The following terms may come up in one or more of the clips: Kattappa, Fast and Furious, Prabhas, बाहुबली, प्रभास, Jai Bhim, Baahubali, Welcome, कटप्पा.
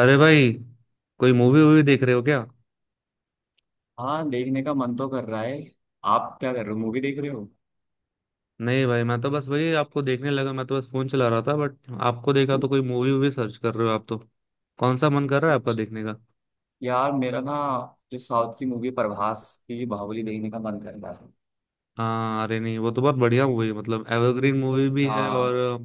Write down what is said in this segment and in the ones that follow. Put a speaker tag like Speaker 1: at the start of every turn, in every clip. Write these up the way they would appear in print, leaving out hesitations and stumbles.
Speaker 1: अरे भाई, कोई मूवी वूवी देख रहे हो क्या।
Speaker 2: हाँ, देखने का मन तो कर रहा है। आप क्या कर रहे हो, मूवी देख रहे हो?
Speaker 1: नहीं भाई, मैं तो बस वही आपको देखने लगा, मैं तो बस फोन चला रहा था बट आपको देखा तो कोई मूवी वूवी सर्च कर रहे हो आप तो। कौन सा मन कर रहा है आपका
Speaker 2: अच्छा।
Speaker 1: देखने का।
Speaker 2: यार मेरा ना जो साउथ की मूवी प्रभास की बाहुबली देखने का मन कर रहा है।
Speaker 1: हाँ अरे नहीं, वो तो बहुत बढ़िया मूवी है, मतलब एवरग्रीन मूवी भी है। और
Speaker 2: हाँ,
Speaker 1: अ,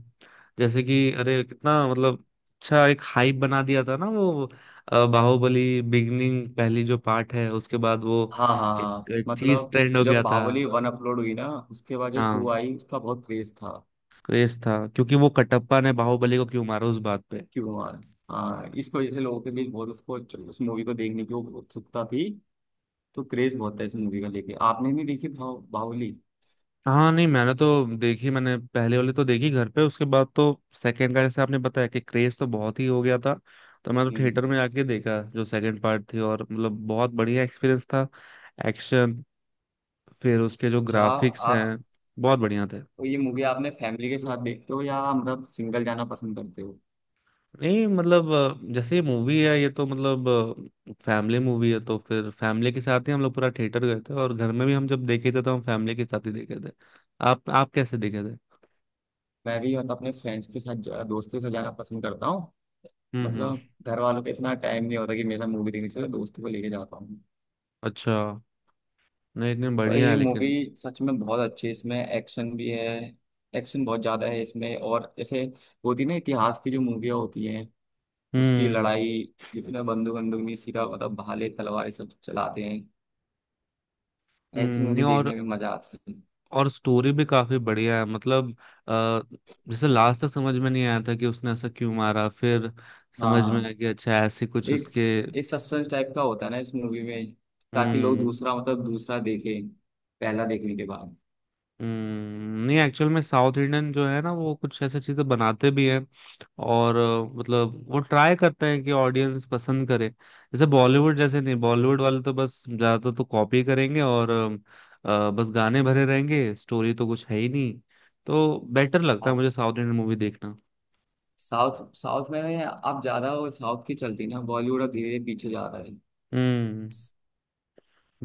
Speaker 1: जैसे कि अरे कितना, मतलब अच्छा एक हाइप बना दिया था ना वो बाहुबली बिगनिंग पहली जो पार्ट है उसके बाद वो
Speaker 2: हाँ, हाँ,
Speaker 1: एक,
Speaker 2: हाँ।
Speaker 1: एक चीज
Speaker 2: मतलब
Speaker 1: ट्रेंड हो
Speaker 2: जब
Speaker 1: गया था।
Speaker 2: बाहुबली 1 अपलोड हुई ना उसके बाद जब
Speaker 1: हाँ।
Speaker 2: टू आई उसका बहुत क्रेज था।
Speaker 1: क्रेज था क्योंकि वो कटप्पा ने बाहुबली को क्यों मारा, उस बात पे।
Speaker 2: क्यों यार? हाँ, इस वजह से लोगों के बीच बहुत उसको उस मूवी को देखने की उत्सुकता थी। तो क्रेज बहुत था इस मूवी का लेके। आपने भी देखी भाव बाहुबली?
Speaker 1: हाँ नहीं, मैंने तो देखी, मैंने पहले वाली तो देखी घर पे, उसके बाद तो सेकंड का जैसे आपने बताया कि क्रेज तो बहुत ही हो गया था, तो मैं तो थिएटर
Speaker 2: हम्म।
Speaker 1: में जाके देखा जो सेकंड पार्ट थी। और मतलब बहुत बढ़िया एक्सपीरियंस था। एक्शन, फिर उसके जो
Speaker 2: अच्छा।
Speaker 1: ग्राफिक्स हैं
Speaker 2: आप
Speaker 1: बहुत बढ़िया थे।
Speaker 2: तो ये मूवी आपने फैमिली के साथ देखते हो या मतलब सिंगल जाना पसंद करते हो?
Speaker 1: नहीं मतलब जैसे ये मूवी है ये तो मतलब फैमिली मूवी है तो फिर फैमिली के साथ ही हम लोग पूरा थिएटर गए थे, और घर में भी हम जब देखे थे तो हम फैमिली के साथ ही देखे थे। आप कैसे देखे थे।
Speaker 2: मैं भी मतलब अपने फ्रेंड्स के साथ दोस्तों के साथ जाना पसंद करता हूँ।
Speaker 1: हम्म।
Speaker 2: मतलब घर वालों पे इतना टाइम नहीं होता कि मेरे साथ मूवी देखने चले, दोस्तों को लेके जाता हूँ।
Speaker 1: अच्छा। नहीं इतने
Speaker 2: पर
Speaker 1: बढ़िया है
Speaker 2: ये मूवी
Speaker 1: लेकिन।
Speaker 2: सच में बहुत अच्छी है। इसमें एक्शन भी है। एक्शन बहुत ज़्यादा है इसमें। और जैसे होती ना इतिहास की जो मूवियाँ होती हैं, उसकी
Speaker 1: हम्म।
Speaker 2: लड़ाई, जिसमें बंदूक बंदूक नहीं, सीधा मतलब भाले तलवार ये सब चलाते हैं। ऐसी
Speaker 1: नहीं।
Speaker 2: मूवी
Speaker 1: और
Speaker 2: देखने में मजा आता है।
Speaker 1: और स्टोरी भी काफी बढ़िया है, मतलब आ, जैसे लास्ट तक समझ में नहीं आया था कि उसने ऐसा क्यों मारा, फिर समझ में
Speaker 2: हाँ,
Speaker 1: आया कि अच्छा ऐसे कुछ
Speaker 2: एक
Speaker 1: उसके।
Speaker 2: एक सस्पेंस टाइप का होता है ना इस मूवी में। ताकि लोग
Speaker 1: हम्म।
Speaker 2: दूसरा मतलब दूसरा देखें पहला देखने के बाद।
Speaker 1: नहीं एक्चुअल में साउथ इंडियन जो है ना वो कुछ ऐसे चीजें बनाते भी हैं और मतलब वो ट्राई करते हैं कि ऑडियंस पसंद करे। जैसे बॉलीवुड जैसे नहीं, बॉलीवुड वाले तो बस ज्यादातर तो कॉपी करेंगे और बस गाने भरे रहेंगे, स्टोरी तो कुछ है ही नहीं। तो बेटर लगता है
Speaker 2: आप
Speaker 1: मुझे साउथ इंडियन मूवी देखना।
Speaker 2: साउथ साउथ में आप ज्यादा वो साउथ की चलती ना, बॉलीवुड अब धीरे धीरे पीछे जा रहा है।
Speaker 1: हम्म।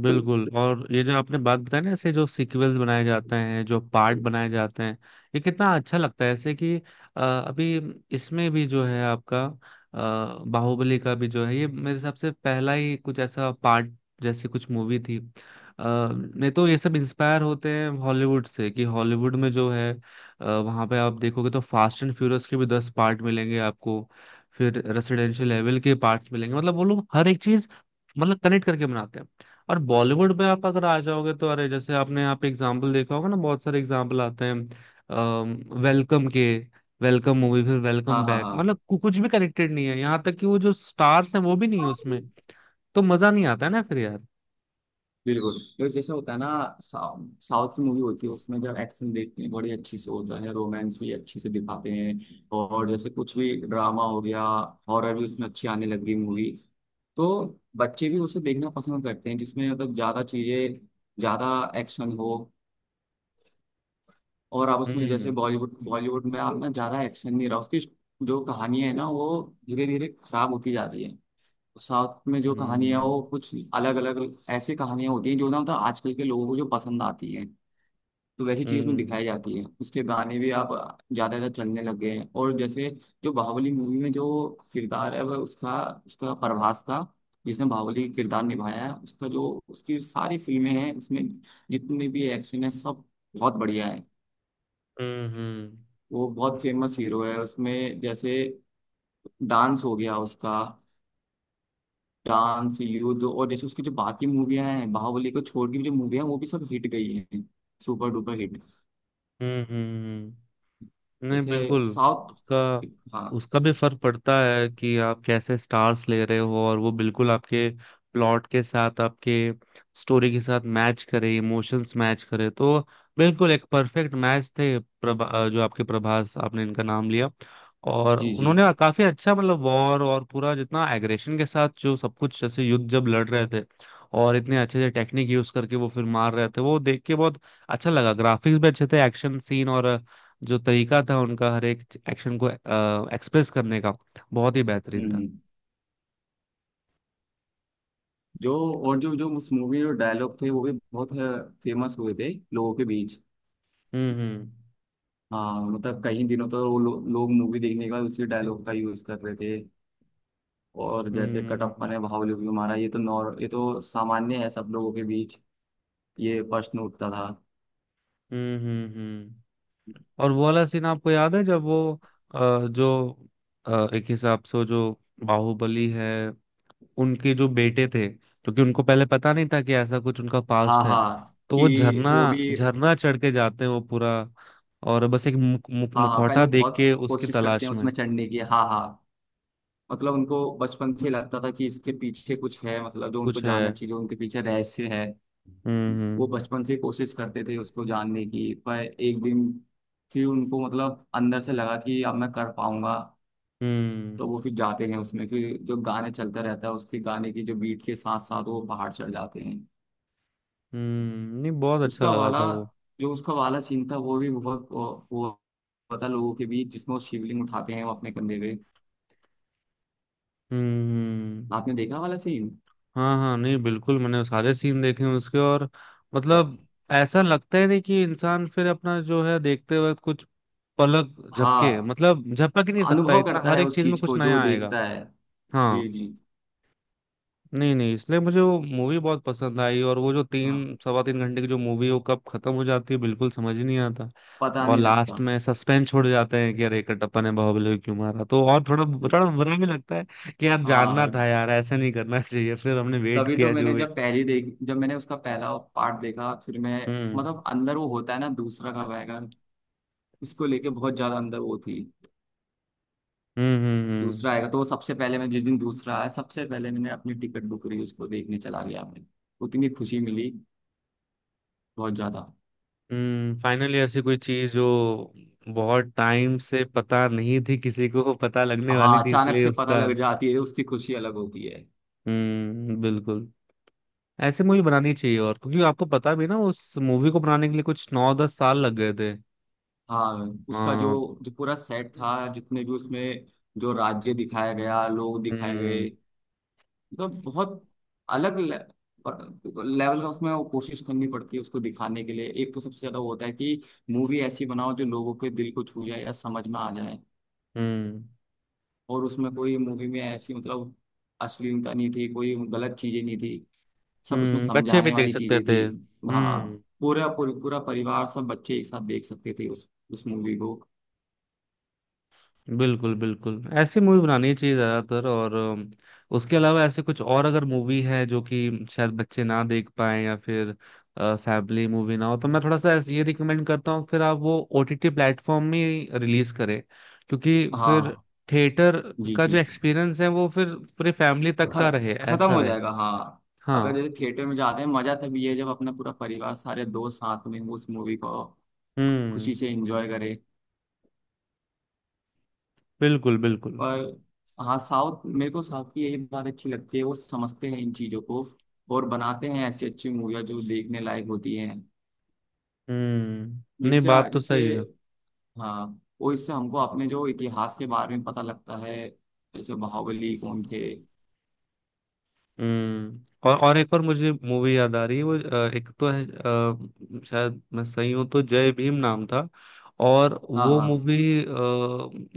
Speaker 1: बिल्कुल। और ये जो आपने बात बताई ना, ऐसे जो सीक्वल्स बनाए जाते हैं, जो पार्ट बनाए जाते हैं, ये कितना अच्छा लगता है, ऐसे कि अभी इसमें भी जो है आपका बाहुबली का भी जो है, ये मेरे हिसाब से पहला ही कुछ ऐसा पार्ट जैसी कुछ मूवी थी। नहीं तो ये सब इंस्पायर होते हैं हॉलीवुड से, कि हॉलीवुड में जो है वहाँ पे आप देखोगे तो फास्ट एंड फ्यूरियस के भी 10 पार्ट मिलेंगे आपको। फिर रेसिडेंशियल लेवल के पार्ट्स मिलेंगे, मतलब वो लोग हर एक चीज मतलब कनेक्ट करके बनाते हैं। और बॉलीवुड में आप अगर आ जाओगे तो अरे जैसे आपने यहाँ पे एग्जाम्पल देखा होगा ना, बहुत सारे एग्जाम्पल आते हैं वेलकम के। वेलकम मूवी, फिर
Speaker 2: हाँ,
Speaker 1: वेलकम
Speaker 2: हाँ,
Speaker 1: बैक,
Speaker 2: हाँ,
Speaker 1: मतलब कुछ भी कनेक्टेड नहीं है, यहाँ तक कि वो जो स्टार्स हैं वो भी नहीं है उसमें। तो मजा नहीं आता है ना फिर यार।
Speaker 2: बिल्कुल। तो जैसे होता है ना, साउथ साउथ की मूवी होती है, उसमें जब एक्शन देखते हैं बड़ी अच्छी से होता है, रोमांस भी अच्छे से दिखाते हैं, और जैसे कुछ भी ड्रामा हो गया, हॉरर भी उसमें अच्छी आने लग गई मूवी। तो बच्चे भी उसे देखना पसंद करते हैं जिसमें मतलब ज्यादा चीजें, ज्यादा एक्शन हो। और आप उसमें जैसे
Speaker 1: हम्म
Speaker 2: बॉलीवुड बॉलीवुड में आप ना ज्यादा एक्शन नहीं रहा उसकी। जो कहानियां है ना वो धीरे धीरे खराब होती जा रही है। साउथ में जो कहानियां
Speaker 1: हम्म
Speaker 2: वो कुछ अलग अलग ऐसी कहानियां होती हैं जो ना मतलब आजकल के लोगों को जो पसंद आती हैं। तो वैसी चीज उसमें
Speaker 1: हम्म।
Speaker 2: दिखाई जाती है। उसके गाने भी आप ज्यादा ज्यादा चलने लग गए हैं। और जैसे जो बाहुबली मूवी में जो किरदार है वह उसका उसका प्रभास का, जिसने बाहुबली किरदार निभाया है, उसका जो उसकी सारी फिल्में हैं उसमें जितने भी एक्शन है सब बहुत बढ़िया है।
Speaker 1: हम्म हम्म
Speaker 2: वो बहुत फेमस हीरो है। उसमें जैसे डांस हो गया उसका, डांस, युद्ध, और जैसे उसकी जो बाकी मूवियां हैं बाहुबली को छोड़ के भी जो मूवियां हैं वो भी सब हिट गई हैं, सुपर डुपर हिट।
Speaker 1: हम्म, हम्म, नहीं
Speaker 2: जैसे
Speaker 1: बिल्कुल। उसका
Speaker 2: साउथ, हाँ,
Speaker 1: उसका भी फर्क पड़ता है कि आप कैसे स्टार्स ले रहे हो, और वो बिल्कुल आपके प्लॉट के साथ, आपके स्टोरी के साथ मैच करे, इमोशंस मैच करे तो बिल्कुल एक परफेक्ट मैच थे। प्रभा जो आपके प्रभास, आपने इनका नाम लिया, और
Speaker 2: जी, जी।
Speaker 1: उन्होंने काफी अच्छा, मतलब वॉर और पूरा जितना एग्रेशन के साथ, जो सब कुछ जैसे युद्ध जब लड़ रहे थे और इतने अच्छे से टेक्निक यूज करके वो फिर मार रहे थे, वो देख के बहुत अच्छा लगा। ग्राफिक्स भी अच्छे थे, एक्शन सीन, और जो तरीका था उनका हर एक एक्शन को एक्सप्रेस करने का, बहुत ही
Speaker 2: हम्म,
Speaker 1: बेहतरीन था।
Speaker 2: जो और जो जो उस मूवी में डायलॉग थे वो भी बहुत फेमस हुए थे लोगों के बीच।
Speaker 1: हम्म हम्म
Speaker 2: हाँ, मतलब कई दिनों तक वो लोग मूवी देखने के बाद उसी डायलॉग का यूज कर रहे थे। और जैसे कटप्पा
Speaker 1: हम्म
Speaker 2: ने बाहुबली को मारा ये तो, नॉर ये तो सामान्य है सब लोगों के बीच, ये प्रश्न उठता था।
Speaker 1: हम्म हम्म हम्म। और वो वाला सीन आपको याद है जब वो जो एक हिसाब से वो जो बाहुबली है उनके जो बेटे थे, क्योंकि उनको पहले पता नहीं था कि ऐसा कुछ उनका
Speaker 2: हाँ,
Speaker 1: पास्ट है,
Speaker 2: हाँ,
Speaker 1: तो वो
Speaker 2: कि
Speaker 1: झरना
Speaker 2: वो भी।
Speaker 1: झरना चढ़ के जाते हैं वो पूरा। और बस एक मुख, मुख,
Speaker 2: हाँ, हाँ, पहले
Speaker 1: मुखौटा
Speaker 2: वो
Speaker 1: देख
Speaker 2: बहुत
Speaker 1: के उसकी
Speaker 2: कोशिश करते
Speaker 1: तलाश
Speaker 2: हैं
Speaker 1: में
Speaker 2: उसमें चढ़ने की। हाँ, हाँ। मतलब उनको बचपन से लगता था कि इसके पीछे कुछ है, मतलब जो उनको
Speaker 1: कुछ
Speaker 2: जानना
Speaker 1: है।
Speaker 2: चाहिए, जो उनके पीछे रहस्य है।
Speaker 1: हम्म
Speaker 2: वो
Speaker 1: हम्म
Speaker 2: बचपन से कोशिश करते थे उसको जानने की, पर एक दिन फिर उनको मतलब अंदर से लगा कि अब मैं कर पाऊंगा। तो
Speaker 1: हम्म।
Speaker 2: वो फिर जाते हैं उसमें, फिर जो गाने चलता रहता है उसके गाने की जो बीट के साथ साथ वो पहाड़ चढ़ जाते हैं।
Speaker 1: नहीं बहुत अच्छा
Speaker 2: उसका
Speaker 1: लगा
Speaker 2: वाला
Speaker 1: था वो।
Speaker 2: जो उसका वाला सीन था वो भी बहुत वो पता लोगों के बीच, जिसमें वो शिवलिंग उठाते हैं वो अपने कंधे पे।
Speaker 1: हम्म।
Speaker 2: आपने देखा वाला सीन?
Speaker 1: हाँ हाँ नहीं बिल्कुल मैंने सारे सीन देखे हैं उसके। और मतलब ऐसा लगता ही नहीं कि इंसान फिर अपना जो है देखते वक्त कुछ पलक झपके,
Speaker 2: हाँ,
Speaker 1: मतलब झपक ही नहीं सकता,
Speaker 2: अनुभव
Speaker 1: इतना
Speaker 2: करता
Speaker 1: हर
Speaker 2: है
Speaker 1: एक
Speaker 2: उस
Speaker 1: चीज में
Speaker 2: चीज
Speaker 1: कुछ
Speaker 2: को जो
Speaker 1: नया आएगा।
Speaker 2: देखता है।
Speaker 1: हाँ।
Speaker 2: जी, जी।
Speaker 1: नहीं नहीं, इसलिए मुझे वो मूवी बहुत पसंद आई, और वो जो तीन
Speaker 2: हाँ,
Speaker 1: सवा तीन घंटे की जो मूवी है वो कब खत्म हो जाती है बिल्कुल समझ ही नहीं आता।
Speaker 2: पता
Speaker 1: और
Speaker 2: नहीं
Speaker 1: लास्ट
Speaker 2: लगता।
Speaker 1: में सस्पेंस छोड़ जाते हैं कि अरे कटप्पा ने बाहुबली को क्यों मारा, तो और थोड़ा बुरा बुरा भी लगता है कि यार जानना
Speaker 2: हाँ,
Speaker 1: था, यार ऐसा नहीं करना चाहिए। फिर हमने वेट
Speaker 2: तभी तो
Speaker 1: किया जो
Speaker 2: मैंने
Speaker 1: भी।
Speaker 2: जब पहली देख जब मैंने उसका पहला पार्ट देखा फिर मैं
Speaker 1: हम्म
Speaker 2: मतलब अंदर वो होता है ना दूसरा कब आएगा। इसको लेके बहुत ज्यादा अंदर वो थी।
Speaker 1: हम्म हम्म हम्म
Speaker 2: दूसरा आएगा तो वो सबसे पहले, मैं जिस दिन दूसरा आया सबसे पहले मैंने अपनी टिकट बुक करी, उसको देखने चला गया मैं। उतनी खुशी मिली बहुत ज्यादा।
Speaker 1: फाइनली ऐसी कोई चीज जो बहुत टाइम से पता नहीं थी किसी को पता लगने वाली
Speaker 2: हाँ,
Speaker 1: थी,
Speaker 2: अचानक
Speaker 1: इसलिए
Speaker 2: से पता
Speaker 1: उसका।
Speaker 2: लग जाती है उसकी खुशी अलग होती है।
Speaker 1: बिल्कुल। ऐसे मूवी बनानी चाहिए, और क्योंकि आपको पता भी है ना उस मूवी को बनाने के लिए कुछ 9-10 साल लग गए थे।
Speaker 2: हाँ, उसका जो
Speaker 1: हाँ।
Speaker 2: जो पूरा सेट था जितने भी उसमें, जो राज्य दिखाया गया, लोग दिखाए गए,
Speaker 1: हम्म।
Speaker 2: मतलब बहुत अलग लेवल का। उसमें वो कोशिश करनी पड़ती है उसको दिखाने के लिए। एक तो सबसे ज्यादा वो होता है कि मूवी ऐसी बनाओ जो लोगों के दिल को छू जाए या समझ में आ जाए।
Speaker 1: हम्म
Speaker 2: और उसमें कोई, मूवी में ऐसी मतलब अश्लीलता नहीं थी, कोई गलत चीजें नहीं थी, सब उसमें
Speaker 1: बच्चे भी
Speaker 2: समझाने
Speaker 1: देख
Speaker 2: वाली
Speaker 1: सकते
Speaker 2: चीजें
Speaker 1: थे।
Speaker 2: थी। हाँ, पूरा पूरा पूरा परिवार, सब बच्चे एक साथ देख सकते थे उस मूवी को।
Speaker 1: बिल्कुल बिल्कुल, ऐसी मूवी बनानी चाहिए ज्यादातर। और उसके अलावा ऐसे कुछ और अगर मूवी है जो कि शायद बच्चे ना देख पाए या फिर फैमिली मूवी ना हो, तो मैं थोड़ा सा ऐसे ये रिकमेंड करता हूँ फिर आप वो ओटीटी प्लेटफॉर्म में रिलीज करें। क्योंकि फिर
Speaker 2: हाँ,
Speaker 1: थिएटर
Speaker 2: जी,
Speaker 1: का
Speaker 2: जी।
Speaker 1: जो एक्सपीरियंस है वो फिर पूरी फैमिली तक का रहे,
Speaker 2: खत्म
Speaker 1: ऐसा
Speaker 2: हो
Speaker 1: रहे।
Speaker 2: जाएगा, हाँ। अगर
Speaker 1: हाँ।
Speaker 2: जैसे थिएटर में जाते हैं मजा तभी है जब अपना पूरा परिवार, सारे दोस्त साथ में उस मूवी को
Speaker 1: हम्म
Speaker 2: खुशी से एंजॉय करे।
Speaker 1: बिल्कुल बिल्कुल।
Speaker 2: पर हाँ, साउथ मेरे को साउथ की यही बात अच्छी लगती है, वो समझते हैं इन चीजों को और बनाते हैं ऐसी अच्छी मूवियाँ जो देखने लायक होती हैं।
Speaker 1: नहीं
Speaker 2: जिससे
Speaker 1: बात तो
Speaker 2: जिससे
Speaker 1: सही है।
Speaker 2: हाँ, वो इससे हमको अपने जो इतिहास के बारे में पता लगता है, जैसे बाहुबली कौन थे।
Speaker 1: हम्म। और एक और मुझे मूवी याद आ रही है वो एक तो है शायद मैं सही हूं तो जय भीम नाम था। और
Speaker 2: हाँ,
Speaker 1: वो
Speaker 2: हाँ।
Speaker 1: मूवी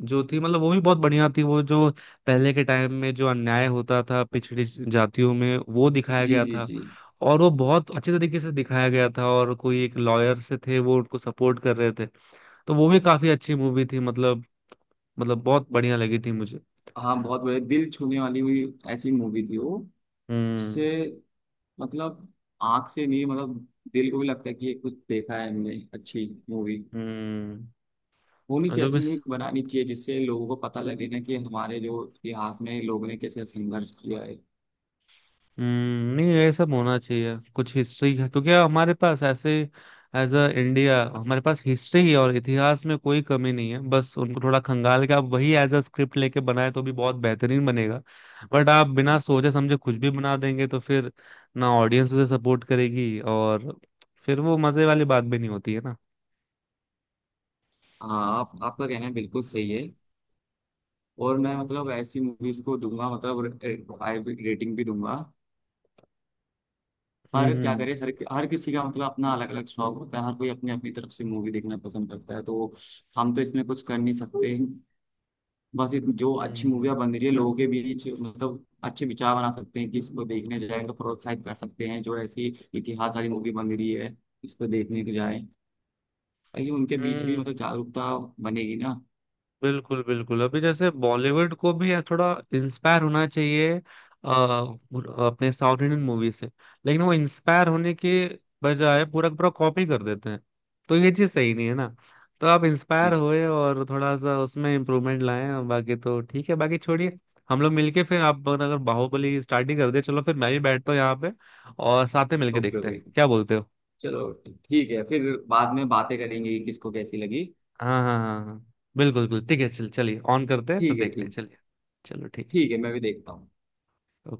Speaker 1: जो थी मतलब वो भी बहुत बढ़िया थी। वो जो पहले के टाइम में जो अन्याय होता था पिछड़ी जातियों में वो दिखाया
Speaker 2: जी,
Speaker 1: गया
Speaker 2: जी,
Speaker 1: था,
Speaker 2: जी।
Speaker 1: और वो बहुत अच्छे तरीके से दिखाया गया था, और कोई एक लॉयर से थे वो उनको सपोर्ट कर रहे थे, तो वो भी काफी अच्छी मूवी थी। मतलब बहुत बढ़िया लगी थी मुझे।
Speaker 2: हाँ, बहुत बड़े दिल छूने वाली हुई ऐसी मूवी थी वो।
Speaker 1: हम्म
Speaker 2: जिससे मतलब आंख से नहीं, मतलब दिल को भी लगता है कि ये कुछ देखा है हमने। अच्छी मूवी
Speaker 1: हम्म।
Speaker 2: होनी
Speaker 1: और
Speaker 2: चाहिए,
Speaker 1: जो भी
Speaker 2: ऐसी मूवी बनानी चाहिए जिससे लोगों को पता लगे ना कि हमारे जो इतिहास में लोगों ने कैसे संघर्ष किया है।
Speaker 1: नहीं ये सब होना चाहिए कुछ हिस्ट्री का, क्योंकि हमारे पास ऐसे एज अ इंडिया हमारे पास हिस्ट्री और इतिहास में कोई कमी नहीं है, बस उनको थोड़ा खंगाल के आप वही एज अ स्क्रिप्ट लेके बनाए तो भी बहुत बेहतरीन बनेगा। बट आप बिना सोचे समझे कुछ भी बना देंगे तो फिर ना ऑडियंस उसे सपोर्ट करेगी, और फिर वो मजे वाली बात भी नहीं होती है ना।
Speaker 2: हाँ, आप आपका कहना बिल्कुल सही है। और मैं मतलब ऐसी मूवीज को दूंगा, मतलब 5 रेटिंग भी दूंगा। पर क्या
Speaker 1: हम्म
Speaker 2: करे, हर हर किसी का मतलब अपना अलग अलग शौक होता है, हर कोई अपनी अपनी तरफ से मूवी देखना पसंद करता है, तो हम तो इसमें कुछ कर नहीं सकते। बस जो अच्छी
Speaker 1: हम्म
Speaker 2: मूवियाँ बन रही है लोगों के बीच मतलब अच्छे विचार बना सकते हैं कि इसको देखने जाए, तो प्रोत्साहित कर सकते हैं जो ऐसी इतिहास वाली मूवी बन रही है, इसको देखने के जाए ताकि उनके बीच भी
Speaker 1: हम्म।
Speaker 2: मतलब जागरूकता बनेगी ना।
Speaker 1: बिल्कुल बिल्कुल अभी जैसे बॉलीवुड को भी यार थोड़ा इंस्पायर होना चाहिए अपने साउथ इंडियन मूवी से। लेकिन वो इंस्पायर होने के बजाय पूरा का पूरा कॉपी कर देते हैं, तो ये चीज सही नहीं है ना। तो आप इंस्पायर
Speaker 2: जी।
Speaker 1: होए और थोड़ा सा उसमें इम्प्रूवमेंट लाएं, और बाकी तो ठीक है, बाकी छोड़िए। हम लोग मिलके फिर आप अगर बाहुबली स्टार्ट ही कर दे, चलो फिर मैं भी बैठता हूँ यहाँ पे, और साथ में मिलके
Speaker 2: ओके,
Speaker 1: देखते हैं,
Speaker 2: ओके।
Speaker 1: क्या बोलते हो।
Speaker 2: चलो ठीक है फिर। बाद में बातें करेंगे कि किसको कैसी लगी।
Speaker 1: हाँ हाँ हाँ हाँ, बिल्कुल बिल्कुल ठीक है, चल चलिए ऑन करते हैं फिर
Speaker 2: ठीक है,
Speaker 1: देखते हैं,
Speaker 2: ठीक।
Speaker 1: चलिए। चलो ठीक
Speaker 2: ठीक है, मैं भी देखता हूँ।
Speaker 1: है।